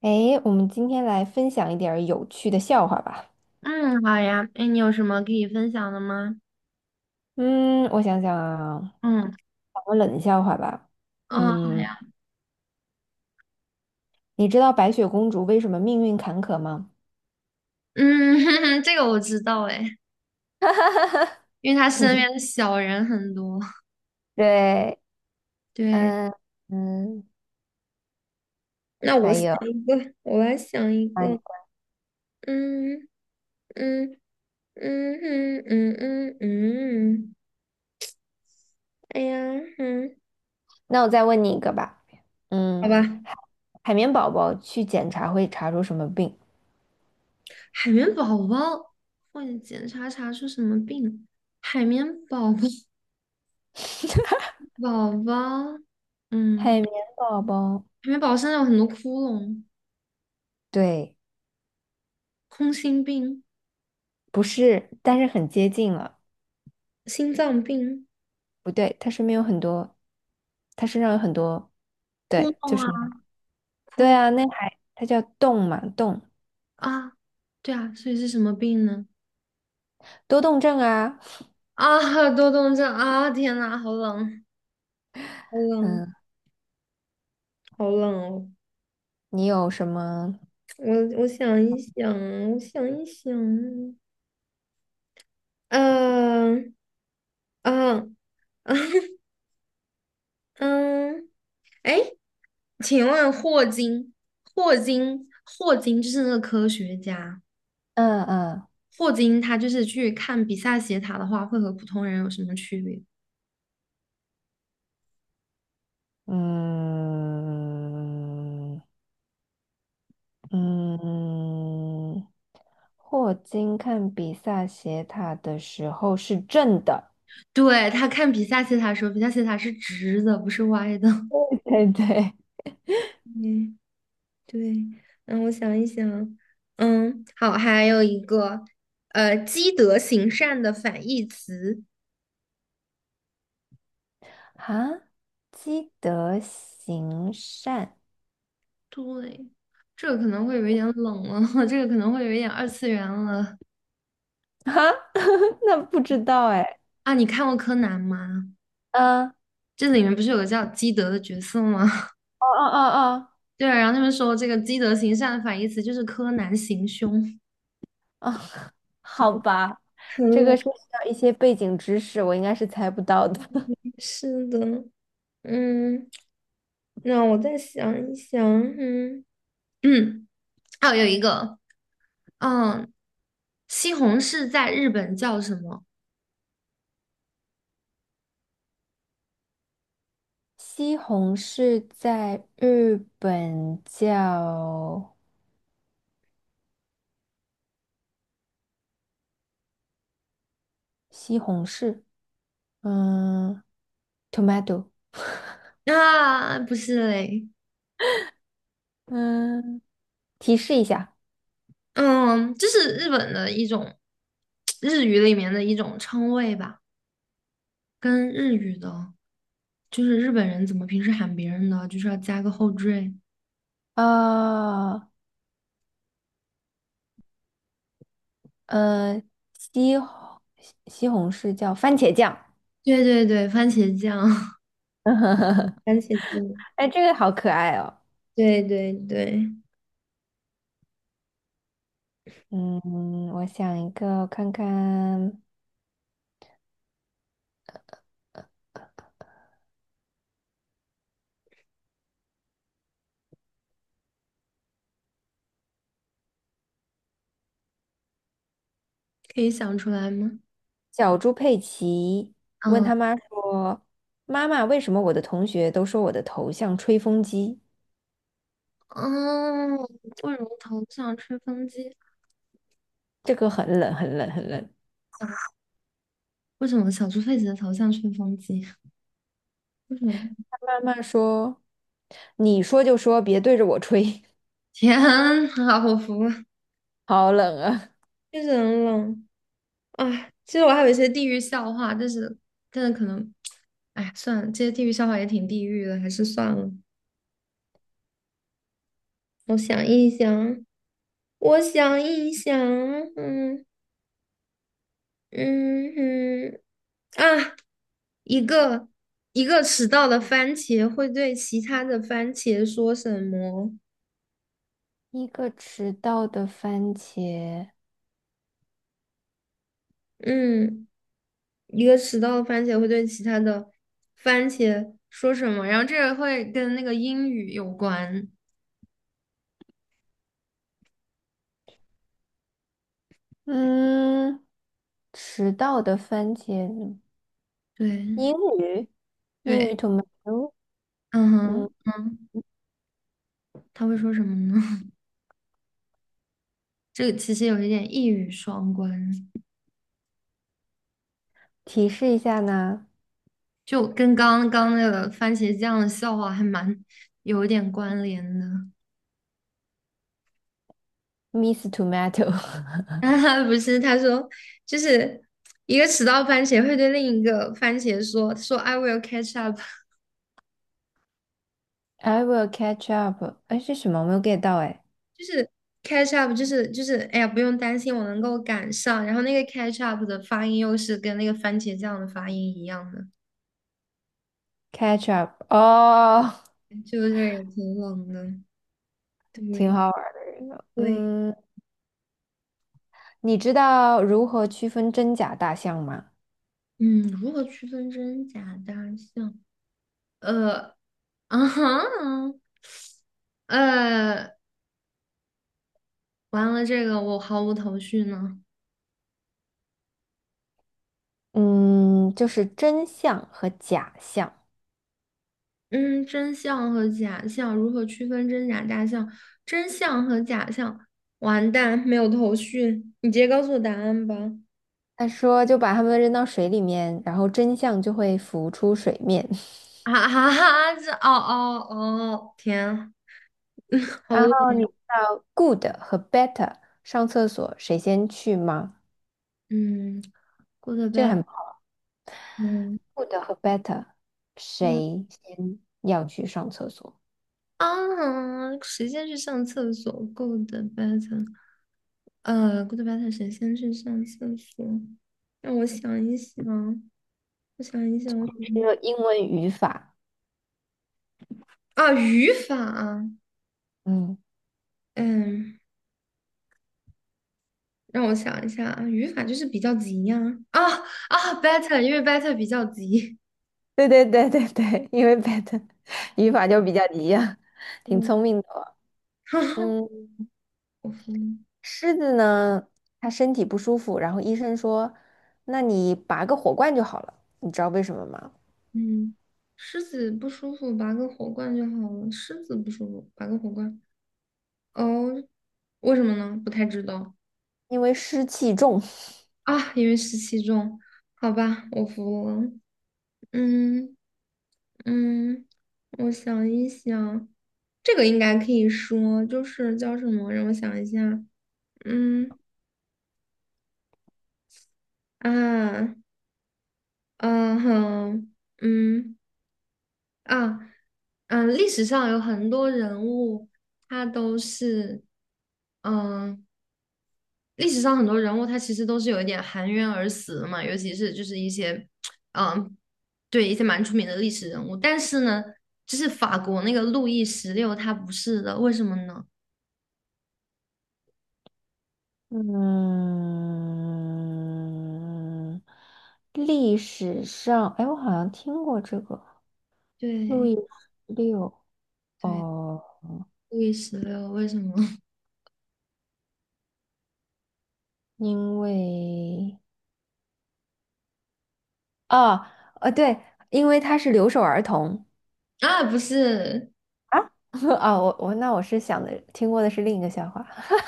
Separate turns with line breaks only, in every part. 哎，我们今天来分享一点儿有趣的笑话吧。
嗯，好呀。哎，你有什么可以分享的吗？
嗯，我想想啊，
嗯，
讲个冷笑话吧。
哦，好
嗯，
呀。
你知道白雪公主为什么命运坎坷吗？
嗯，这个我知道哎，因为他身 边的小人很多。
对，
对，
嗯嗯，
那我
还
想
有，
一个，我来想一
哎，
个。嗯嗯嗯嗯嗯嗯嗯，哎呀，
那我再问你一个吧。
好
嗯，
吧。
海海绵宝宝去检查会查出什么病？
海绵宝宝，或者检查查出什么病？海绵宝宝，宝宝，嗯，
海绵宝宝，
海绵宝宝身上有很多窟窿，
对，
空心病、
不是，但是很接近了。
心脏病。
不对，它身边有很多，它身上有很多，
窟
对，就
窿
是。
啊，窟
对
窿
啊，那还它叫动嘛，动
啊，对啊，所以是什么病呢？
多动症啊。
啊，多动症啊！天呐，好冷，好冷，
嗯，
好冷哦！
你有什么？
我想一想，我想一想，嗯嗯 嗯，哎，请问霍金，霍金就是那个科学家，
嗯嗯
霍金他就是去看比萨斜塔的话，会和普通人有什么区别？
嗯嗯，霍金看比萨斜塔的时候是正的。
对，他看比萨斜塔的时候，比萨斜塔是直的，不是歪的。
对对。
嗯对，我想一想，好，还有一个，积德行善的反义词，
啊，积德行善
对，这个可能会有一点冷了，这个可能会有一点二次元了
哈？那不知道哎。
啊。你看过柯南吗？
嗯，哦
这里面不是有个叫基德的角色吗？
哦哦
对啊，然后他们说这个积德行善的反义词就是柯南行凶，
哦哦，
真
好
的
吧，
很
这个
冷。
涉及到一些背景知识，我应该是猜不到的。
是的，嗯，那我再想一想，嗯嗯，还有一个。嗯，西红柿在日本叫什么？
西红柿在日本叫西红柿，嗯，tomato，
啊，不是嘞，
嗯，提示一下
嗯，这是日本的一种日语里面的一种称谓吧，跟日语的，就是日本人怎么平时喊别人的，就是要加个后缀。
啊，呃，西红西红柿叫番茄酱，
对对对，番茄酱，番茄酱，
哎，这个好可爱哦。
对对对，
嗯，我想一个看看，
可以想出来吗？
小猪佩奇问
嗯
他妈说：“妈妈，为什么我的同学都说我的头像吹风机？”
嗯，为什么头像吹风机？
这个很冷，很冷，很冷。
为什么小猪佩奇的头像吹风机？为什么？
慢慢说，你说就说，别对着我吹，
天啊，我服了。
好冷啊！
确实很冷啊。其实我还有一些地域笑话，但是可能，哎，算了，这些地域笑话也挺地域的，还是算了。我想一想，我想一想，嗯嗯哼，啊，一个一个迟到的番茄会对其他的番茄说什么？
一个迟到的番茄，
嗯，一个迟到的番茄会对其他的番茄说什么？然后这个会跟那个英语有关。
嗯，迟到的番茄，
对
英语，英语
对，
tomato，
嗯
嗯，
哼，他会说什么呢？这个其实有一点一语双关，
提示一下呢
就跟刚刚那个番茄酱的笑话还蛮有一点关联的。
，Miss Tomato，I
哈哈，不是他说，就是一个迟到番茄会对另一个番茄说 "I will catch up"，
will catch up，哎，是什么？我没有 get 到，哎
就是 catch up，就是哎呀不用担心，我能够赶上。然后那个 catch up 的发音又是跟那个番茄酱的发音一样的，
，catch up，哦，
就是也挺冷的，
挺
对。
好玩的一个，
对，
嗯，你知道如何区分真假大象吗？
嗯，如何区分真假大象？呃，啊哈，呃，完了，这个我毫无头绪呢。
嗯，就是真相和假象。
嗯，真相和假象如何区分真假大象？真相和假象，完蛋，没有头绪。你直接告诉我答案吧。
他说，就把他们扔到水里面，然后真相就会浮出水面。
啊哈哈，这哦哦哦，天，好
然后
冷。
你知道 good 和 better 上厕所谁先去吗？
嗯，go o d
这个
bed。
很
嗯
good 和 better
嗯
谁先要去上厕所？
时间去上厕所。go o d bed。古德白塔神先去上厕所，让我想一想，我想一想，我怎
这
么
个英文语法。
啊，语法，
嗯，
嗯，让我想一下啊，语法就是比较急呀、啊，啊better，因为 better 比较急，
对对对对对，因为 better 语法就比较一样，挺
嗯，
聪明的哦 嗯。
我服了，
狮子呢，它身体不舒服，然后医生说，那你拔个火罐就好了。你知道为什么吗？
嗯，狮子不舒服，拔个火罐就好了，狮子不舒服，拔个火罐，哦，为什么呢？不太知道
因为湿气重。
啊，因为湿气重，好吧，我服了，嗯。嗯，我想一想，这个应该可以说，就是叫什么？让我想一下。嗯啊，嗯哼，嗯啊，嗯，历史上有很多人物，他都是，嗯，历史上很多人物，他其实都是有一点含冤而死的嘛，尤其是就是一些，嗯，对，一些蛮出名的历史人物。但是呢，就是法国那个路易十六，他不是的，为什么呢？
嗯，历史上，哎，我好像听过这个路
对。
易十六
对，
哦，
路易十六为什么
因为啊对，因为他是留守儿童。
啊？不是
啊，啊，我那我是想的，听过的是另一个笑话。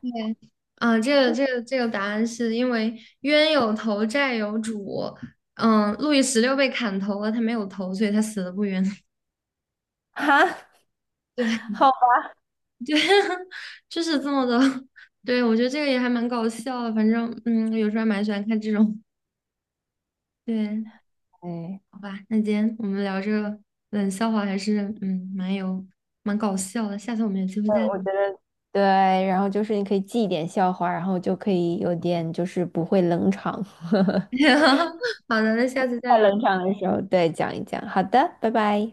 对，啊，这个答案是因为冤有头债有主，路易十六被砍头了，他没有头，所以他死的不冤。
哈，
对
好吧，
对，就是这么的。对，我觉得这个也还蛮搞笑的，反正有时候还蛮喜欢看这种。对，
哎。
好吧，那今天我们聊这个冷笑话还是蛮搞笑的，下次我们有机会再
我觉
聊。
得对，然后就是你可以记一点笑话，然后就可以有点就是不会冷场，
好的，那下次再
太
聊。
冷场的时候对讲一讲。好的，拜拜。